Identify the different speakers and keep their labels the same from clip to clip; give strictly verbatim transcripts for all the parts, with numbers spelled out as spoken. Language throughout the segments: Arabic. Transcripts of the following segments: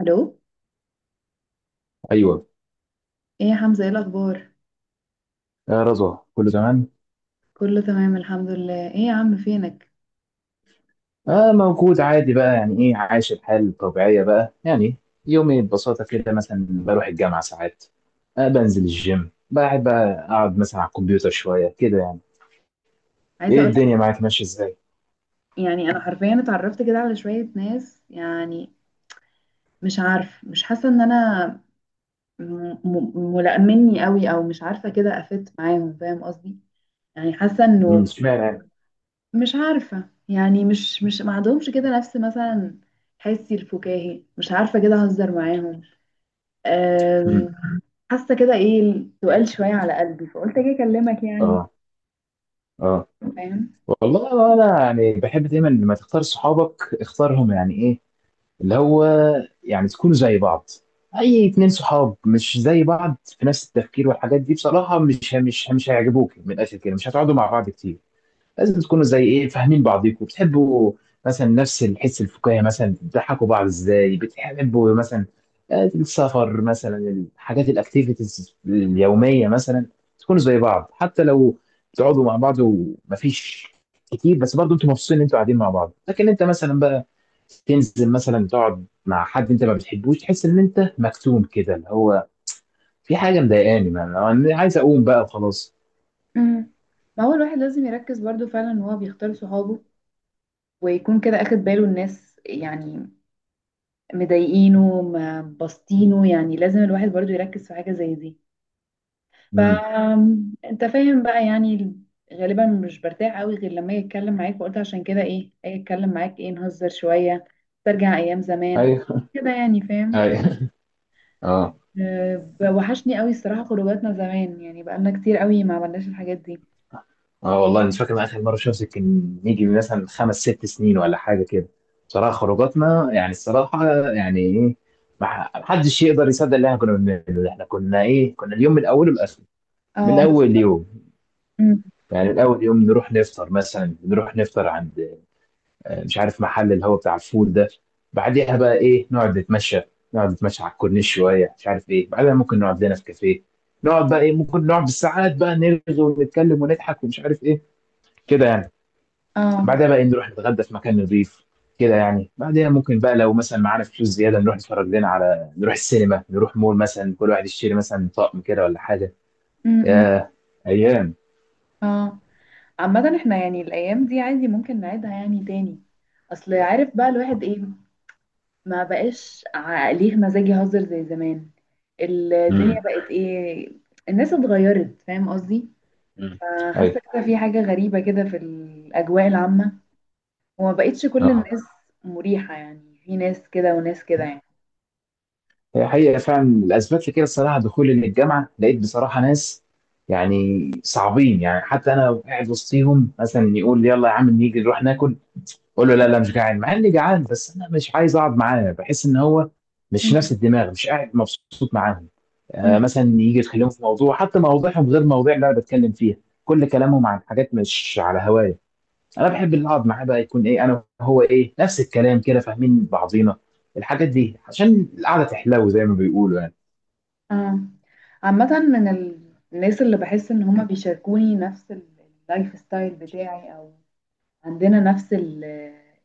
Speaker 1: الو.
Speaker 2: ايوه.
Speaker 1: ايه يا حمزه، ايه الاخبار؟
Speaker 2: آه، رضوى كله تمام.
Speaker 1: كله تمام الحمد لله. ايه يا عم، فينك؟
Speaker 2: آه، موجود عادي بقى، يعني ايه، عايش الحال الطبيعيه بقى يعني. يومي ببساطه كده مثلا بروح الجامعه ساعات، آه بنزل الجيم بحب بقى، اقعد مثلا على الكمبيوتر شويه كده يعني.
Speaker 1: عايزه
Speaker 2: ايه
Speaker 1: اقول لك
Speaker 2: الدنيا
Speaker 1: انا،
Speaker 2: معاك ماشيه ازاي؟
Speaker 1: يعني انا حرفيا اتعرفت كده على شويه ناس، يعني مش عارف، مش حاسه ان انا م- م- ملائمني قوي، او مش عارفه كده افت معاهم، فاهم قصدي؟ يعني حاسه
Speaker 2: مم،
Speaker 1: انه،
Speaker 2: اشمعنى يعني؟
Speaker 1: مش عارفه، يعني مش مش ما عندهمش كده نفس مثلا حسي الفكاهي، مش عارفه كده اهزر معاهم. أم،
Speaker 2: مم.
Speaker 1: حاسه كده ايه سؤال شويه على قلبي، فقلت اجي اكلمك يعني،
Speaker 2: اه. اه،
Speaker 1: فاهم؟
Speaker 2: والله انا يعني بحب دايما لما تختار صحابك اختارهم، يعني ايه اللي هو يعني، تكونوا زي بعض. اي اتنين صحاب مش زي بعض في نفس التفكير والحاجات دي بصراحة مش مش مش هيعجبوك، من الاخر كده مش هتقعدوا مع بعض كتير. لازم تكونوا زي ايه، فاهمين بعضيكم، بتحبوا مثلا نفس الحس الفكاهي، مثلا بتضحكوا بعض ازاي، بتحبوا مثلا آه، السفر مثلا، الحاجات الاكتيفيتيز اليوميه مثلا. تكونوا زي بعض حتى لو بتقعدوا مع بعض ومفيش كتير، بس برضه انتوا مبسوطين ان انتوا قاعدين مع بعض. لكن انت مثلا بقى تنزل مثلا تقعد مع حد انت ما بتحبوش، تحس ان انت مكتوم كده، اللي هو في حاجه مضايقاني، ما- انا أنا عايز اقوم بقى وخلاص.
Speaker 1: امم ما هو الواحد لازم يركز برضو فعلا ان هو بيختار صحابه، ويكون كده اخد باله الناس يعني مضايقينه ما بسطينه. يعني لازم الواحد برضو يركز في حاجة زي دي. ف
Speaker 2: امم.
Speaker 1: انت فاهم بقى يعني، غالبا مش برتاح قوي غير لما اجي اتكلم معاك، وقلت عشان كده ايه اجي اتكلم معاك، ايه نهزر شوية، ترجع ايام زمان
Speaker 2: ايوه.
Speaker 1: كده يعني، فاهم؟
Speaker 2: ايوه. اه.
Speaker 1: أه، وحشني قوي الصراحة خروجاتنا زمان، يعني بقالنا كتير قوي ما عملناش الحاجات دي.
Speaker 2: اه، والله مش فاكر من اخر مره شمس كان يجي من مثلا خمس ست سنين ولا حاجه كده. بصراحه خروجاتنا يعني الصراحه، يعني ايه، ما ما حدش يقدر يصدق اللي احنا كنا بنعمله. احنا كنا ايه، كنا اليوم من اوله لاخره، من
Speaker 1: اه
Speaker 2: اول
Speaker 1: بالظبط.
Speaker 2: يوم،
Speaker 1: أمم.
Speaker 2: يعني من اول يوم نروح نفطر، مثلا نروح نفطر عند آه، مش عارف محل اللي هو بتاع الفول ده. بعديها بقى ايه، نقعد نتمشى. نقعد نتمشى على الكورنيش شويه، مش عارف ايه بعدها، ممكن نقعد لنا في كافيه. نقعد بقى ايه، ممكن نقعد بالساعات بقى، نرغي ونتكلم ونضحك ومش عارف ايه كده يعني.
Speaker 1: اه.
Speaker 2: بعدها بقى إيه، نروح نتغدى في مكان نضيف كده يعني. بعدها ممكن بقى لو مثلا معانا فلوس زياده نروح نتفرج لنا على، نروح السينما، نروح مول مثلا، كل واحد يشتري مثلا طقم كده ولا حاجه.
Speaker 1: أمم، أمم.
Speaker 2: يا ايام.
Speaker 1: اه، عامة احنا يعني الأيام دي عادي ممكن نعيدها يعني تاني. أصل عارف بقى الواحد ايه، ما بقاش ع- ليه مزاج يهزر زي زمان. الدنيا
Speaker 2: امم.
Speaker 1: بقت ايه، الناس اتغيرت، فاهم قصدي؟
Speaker 2: امم. ايوه.
Speaker 1: فحاسة كده في حاجة غريبة كده في الأجواء العامة، وما بقتش كل
Speaker 2: اه.
Speaker 1: الناس مريحة. يعني في ناس كده وناس كده يعني.
Speaker 2: هي حقيقه فعلا. الاسباب لكده الصراحه دخولي للجامعه، لقيت بصراحه ناس يعني صعبين يعني. حتى انا قاعد وسطيهم مثلا يقول يلا يا عم نيجي نروح ناكل، اقول له لا لا مش جعان، مع اني جعان، بس انا مش عايز اقعد معاه، بحس ان هو مش
Speaker 1: مم.
Speaker 2: نفس الدماغ، مش قاعد مبسوط معاهم.
Speaker 1: مم.
Speaker 2: آه، مثلا يجي يتكلموا في موضوع، حتى مواضيعهم غير مواضيع اللي انا بتكلم فيها. كل كلامهم عن حاجات مش على هوايه. انا بحب اللي اقعد معاه بقى يكون ايه، انا وهو ايه، نفس الكلام كده، فاهمين بعضينا، الحاجات دي، عشان القعده تحلو زي ما بيقولوا يعني.
Speaker 1: اه، عامة من ال- الناس اللي بحس ان هما بيشاركوني نفس اللايف ستايل بتاعي، او عندنا نفس ال-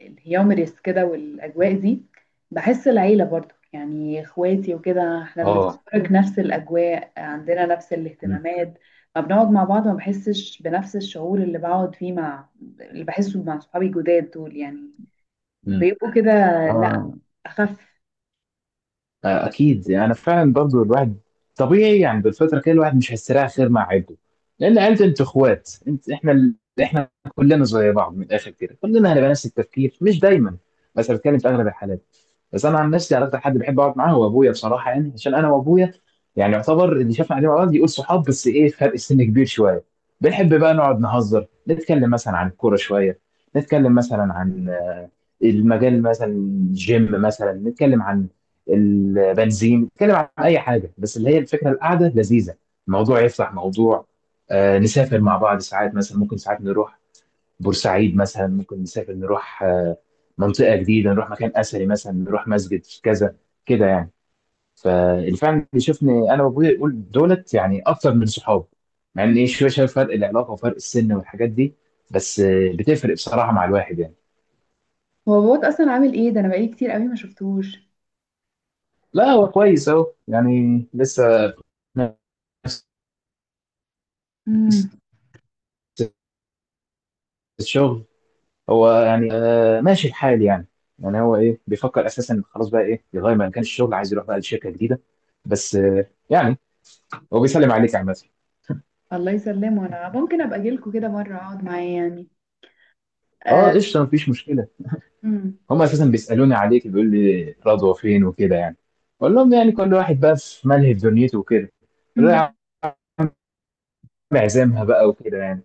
Speaker 1: الهيومريس كده والأجواء دي. بحس العيلة برضو يعني اخواتي وكده، احنا
Speaker 2: اه.
Speaker 1: بنتشارك نفس الأجواء، عندنا نفس الاهتمامات. ما بنقعد مع بعض ما بحسش بنفس الشعور اللي بقعد فيه مع، اللي بحسه مع صحابي الجداد دول يعني، بيبقوا كده لا،
Speaker 2: امم.
Speaker 1: أخف.
Speaker 2: آه، اكيد يعني فعلا. برضو الواحد طبيعي يعني بالفتره كده الواحد مش هيستريح غير مع عيلته، لان عيلته انت اخوات انت احنا ال... احنا كلنا زي بعض. من الاخر كده كلنا هنبقى نفس التفكير، مش دايما بس بتكلم في اغلب الحالات. بس انا عن نفسي عرفت حد بحب اقعد معاه، هو ابويا بصراحه يعني. عشان انا وابويا يعني يعتبر اللي شافنا قاعدين مع بعض يقول صحاب، بس ايه فرق سن كبير شويه. بنحب بقى نقعد نهزر، نتكلم مثلا عن الكوره شويه، نتكلم مثلا عن آه، المجال مثلا، الجيم مثلا، نتكلم عن البنزين، نتكلم عن اي حاجه بس اللي هي الفكره القعده لذيذه، الموضوع يفتح موضوع. آه، نسافر مع بعض ساعات مثلا، ممكن ساعات نروح بورسعيد مثلا، ممكن نسافر نروح آه، منطقه جديده، نروح مكان اثري مثلا، نروح مسجد في كذا كده يعني. فاللي فعلا بيشوفني انا وابويا يقول دولت يعني اكتر من صحاب، مع ان ايه شويه شايف فرق العلاقه وفرق السن والحاجات دي، بس آه، بتفرق بصراحه مع الواحد يعني.
Speaker 1: هو باباك أصلا عامل ايه ده؟ أنا بقالي كتير قوي ما شفتوش.
Speaker 2: لا هو كويس اهو يعني، لسه نفس
Speaker 1: مم.
Speaker 2: الشغل. هو يعني آه ماشي الحال يعني. يعني هو ايه بيفكر اساسا خلاص بقى ايه يغير مكان الشغل، عايز يروح بقى لشركه جديده. بس آه يعني هو بيسلم عليك عامه.
Speaker 1: الله يسلمه. أنا ممكن أبقى أجيلكوا كده مرة أقعد معاه يعني. آه.
Speaker 2: اه قشطه، مفيش مشكله. هم اساسا بيسالوني عليك، بيقول لي رضوى فين وكده يعني. بقول لهم يعني كل واحد بقى في ملهى في دنيته وكده. بقول له
Speaker 1: مم.
Speaker 2: يا عم عزامها بقى وكده يعني.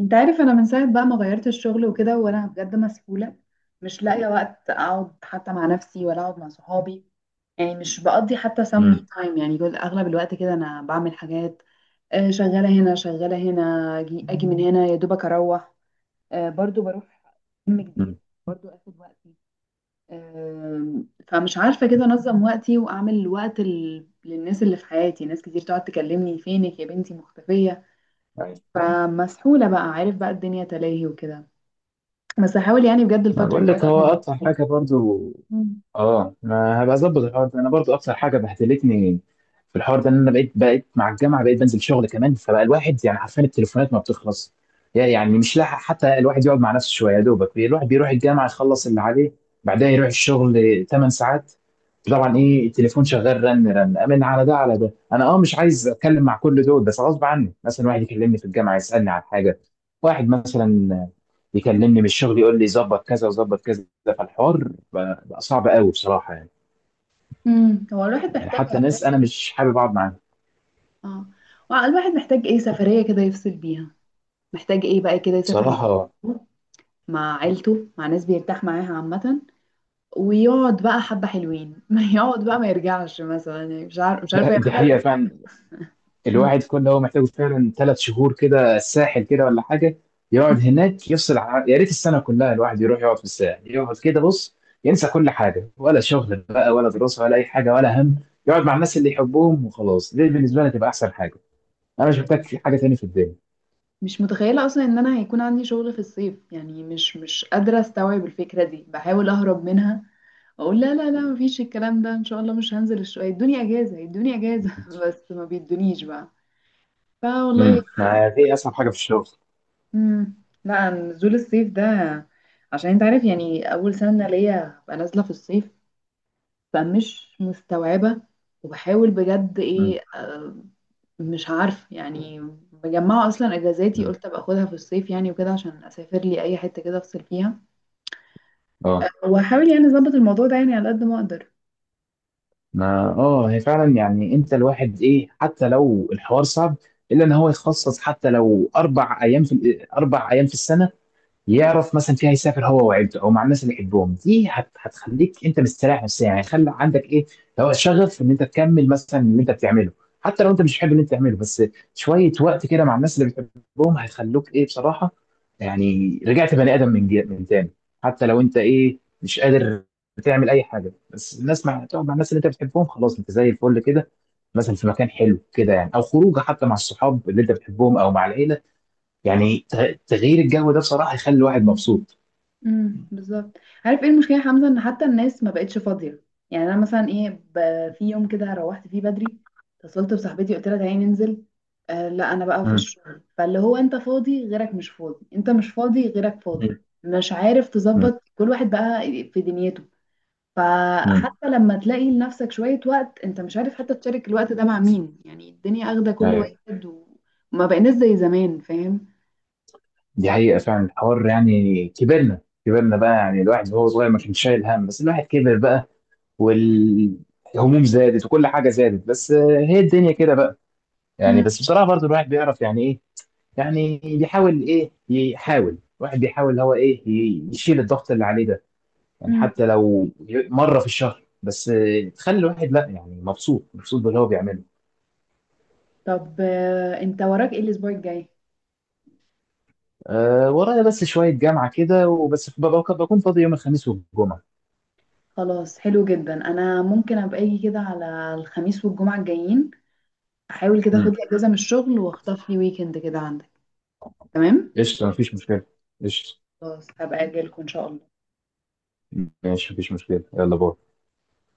Speaker 1: انت عارف انا من ساعه بقى ما غيرت الشغل وكده، وانا بجد مسحوله، مش لاقيه وقت اقعد حتى مع نفسي ولا اقعد مع صحابي. يعني مش بقضي حتى سم مي
Speaker 2: امم.
Speaker 1: تايم، يعني جزء اغلب الوقت كده انا بعمل حاجات. آه، شغاله هنا، شغاله هنا، اجي اجي من هنا يا دوبك اروح. آه، برضو بروح جيم جديد،
Speaker 2: امم.
Speaker 1: برضو اخد وقتي. آم، فمش عارفه كده انظم وقتي واعمل وقت ال- للناس اللي في حياتي. ناس كتير تقعد تكلمني فينك يا بنتي مختفيه،
Speaker 2: أيوة.
Speaker 1: فمسحولة بقى، عارف بقى الدنيا تلاهي وكده. بس هحاول يعني بجد
Speaker 2: ما
Speaker 1: الفترة
Speaker 2: بقول لك، هو
Speaker 1: الجاية.
Speaker 2: اكتر حاجه برضو
Speaker 1: مم.
Speaker 2: اه ما هبقى اظبط الحوار ده. انا برضو اكتر حاجه بهدلتني في الحوار ده ان انا بقيت بقيت مع الجامعه، بقيت بنزل شغل كمان، فبقى الواحد يعني حرفيا التليفونات ما بتخلص. يعني مش لاحق حتى الواحد يقعد مع نفسه شويه. يا دوبك الواحد بيروح الجامعه يخلص اللي عليه، بعدها يروح الشغل 8 ساعات. طبعا ايه التليفون شغال رن رن، امن على ده على ده، انا اه مش عايز اتكلم مع كل دول، بس غصب عني مثلا واحد يكلمني في الجامعه يسالني عن حاجه، واحد مثلا يكلمني من الشغل يقول لي ظبط كذا وظبط كذا. فالحوار بقى, بقى صعب قوي بصراحه يعني.
Speaker 1: مم. هو الواحد
Speaker 2: يعني
Speaker 1: محتاج
Speaker 2: حتى
Speaker 1: عارف
Speaker 2: ناس انا
Speaker 1: ايه،
Speaker 2: مش حابب اقعد معاهم
Speaker 1: اه، وع- الواحد محتاج ايه سفرية كده يفصل بيها، محتاج ايه بقى كده يسافر مع
Speaker 2: بصراحه.
Speaker 1: صحابه، مع عيلته، مع ناس بيرتاح معاها عامة، ويقعد بقى حبة حلوين ما يقعد بقى ما يرجعش مثلا، يعني مش عارف، مش عارفة
Speaker 2: دي
Speaker 1: يعملها.
Speaker 2: حقيقه فعلا.
Speaker 1: مم.
Speaker 2: الواحد كل هو محتاجه فعلا، ثلاث شهور كده الساحل كده ولا حاجه، يقعد هناك يفصل، عن- يا ريت السنه كلها الواحد يروح يقعد في الساحل، يقعد كده بص ينسى كل حاجه، ولا شغل بقى ولا دراسه ولا اي حاجه ولا هم. يقعد مع الناس اللي يحبهم وخلاص. دي بالنسبه لي تبقى احسن حاجه، انا مش محتاج حاجه تاني في الدنيا.
Speaker 1: مش متخيلة أصلا إن أنا هيكون عندي شغل في الصيف، يعني مش مش قادرة أستوعب الفكرة دي، بحاول أهرب منها. اقول لا لا لا، مفيش الكلام ده ان شاء الله، مش هنزل الشقه، يدوني اجازه، يدوني اجازه بس ما بيدونيش بقى. فوالله.
Speaker 2: امم. ما دي اصعب حاجه في الشغل.
Speaker 1: امم. لا، نزول الصيف ده، عشان انت عارف يعني اول سنه ليا ببقى نازله في الصيف، فمش مستوعبه. وبحاول بجد
Speaker 2: امم.
Speaker 1: ايه، آه، مش عارفه يعني. مجمعه اصلا اجازاتي،
Speaker 2: امم.
Speaker 1: قلت ابقى اخدها في الصيف يعني وكده، عشان اسافر لي اي حته كده افصل فيها.
Speaker 2: اه.
Speaker 1: واحاول يعني اظبط الموضوع ده يعني على قد ما اقدر.
Speaker 2: ما اه هي فعلا يعني، انت الواحد ايه حتى لو الحوار صعب، الا ان هو يخصص حتى لو اربع ايام، في اربع ايام في السنه يعرف مثلا فيها يسافر هو وعيلته او مع الناس اللي يحبهم. دي هت- هتخليك انت مستريح نفسيا يعني. خلي عندك ايه لو شغف ان انت تكمل مثلا اللي انت بتعمله، حتى لو انت مش بتحب اللي انت بتعمله، بس شويه وقت كده مع الناس اللي بتحبهم هيخلوك ايه بصراحه. يعني رجعت بني ادم من جي- من تاني. حتى لو انت ايه مش قادر تعمل اي حاجه، بس الناس مع، تقعد مع الناس اللي انت بتحبهم، خلاص انت زي الفل كده. مثلا في مكان حلو كده يعني، او خروجه حتى مع الصحاب اللي انت بتحبهم او مع العيله، يعني ت- تغيير الجو ده بصراحة يخلي الواحد مبسوط.
Speaker 1: امم، بالظبط. عارف ايه المشكله يا حمزه؟ ان حتى الناس ما بقتش فاضيه. يعني انا مثلا ايه، ب- في يوم كده روحت فيه بدري، اتصلت بصاحبتي قلت لها تعالي ننزل، آه لا انا بقى في
Speaker 2: مم.
Speaker 1: الشغل. فاللي هو انت فاضي غيرك مش فاضي، انت مش فاضي غيرك فاضي،
Speaker 2: مم.
Speaker 1: مش عارف
Speaker 2: مم.
Speaker 1: تظبط كل واحد بقى في دنيته.
Speaker 2: مم.
Speaker 1: فحتى لما تلاقي لنفسك شويه وقت، انت مش عارف حتى تشارك الوقت ده مع مين، يعني الدنيا اخده كل
Speaker 2: ايوه.
Speaker 1: واحد، وما بقيناش زي زمان، فاهم؟
Speaker 2: دي حقيقة فعلا الحوار. يعني كبرنا، كبرنا بقى يعني. الواحد وهو صغير ما كانش شايل هم، بس الواحد كبر بقى والهموم زادت وكل حاجة زادت. بس آه، هي الدنيا كده بقى يعني. بس بصراحة برضو الواحد بيعرف يعني ايه، يعني بيحاول ايه، يحاول الواحد بيحاول اللي هو ايه ي- يشيل الضغط اللي عليه ده، يعني
Speaker 1: امم.
Speaker 2: حتى لو ي- مرة في الشهر بس آه، تخلي الواحد لا يعني مبسوط، مبسوط باللي هو بيعمله.
Speaker 1: طب آه، انت وراك ايه الاسبوع الجاي؟
Speaker 2: أه، ورايا بس شوية جامعة كده، وبس ببقى- بكون فاضي يوم الخميس والجمعة.
Speaker 1: خلاص حلو جدا، انا ممكن ابقى اجي كده على الخميس والجمعة الجايين، احاول كده اخد
Speaker 2: امم.
Speaker 1: لي اجازة من الشغل واخطف لي ويكند كده عندك. تمام.
Speaker 2: قشطة مفيش مشكلة. قشطة.
Speaker 1: خلاص هبقى اجي لكم ان شاء الله.
Speaker 2: ماشي مفيش مشكلة، يلا باي.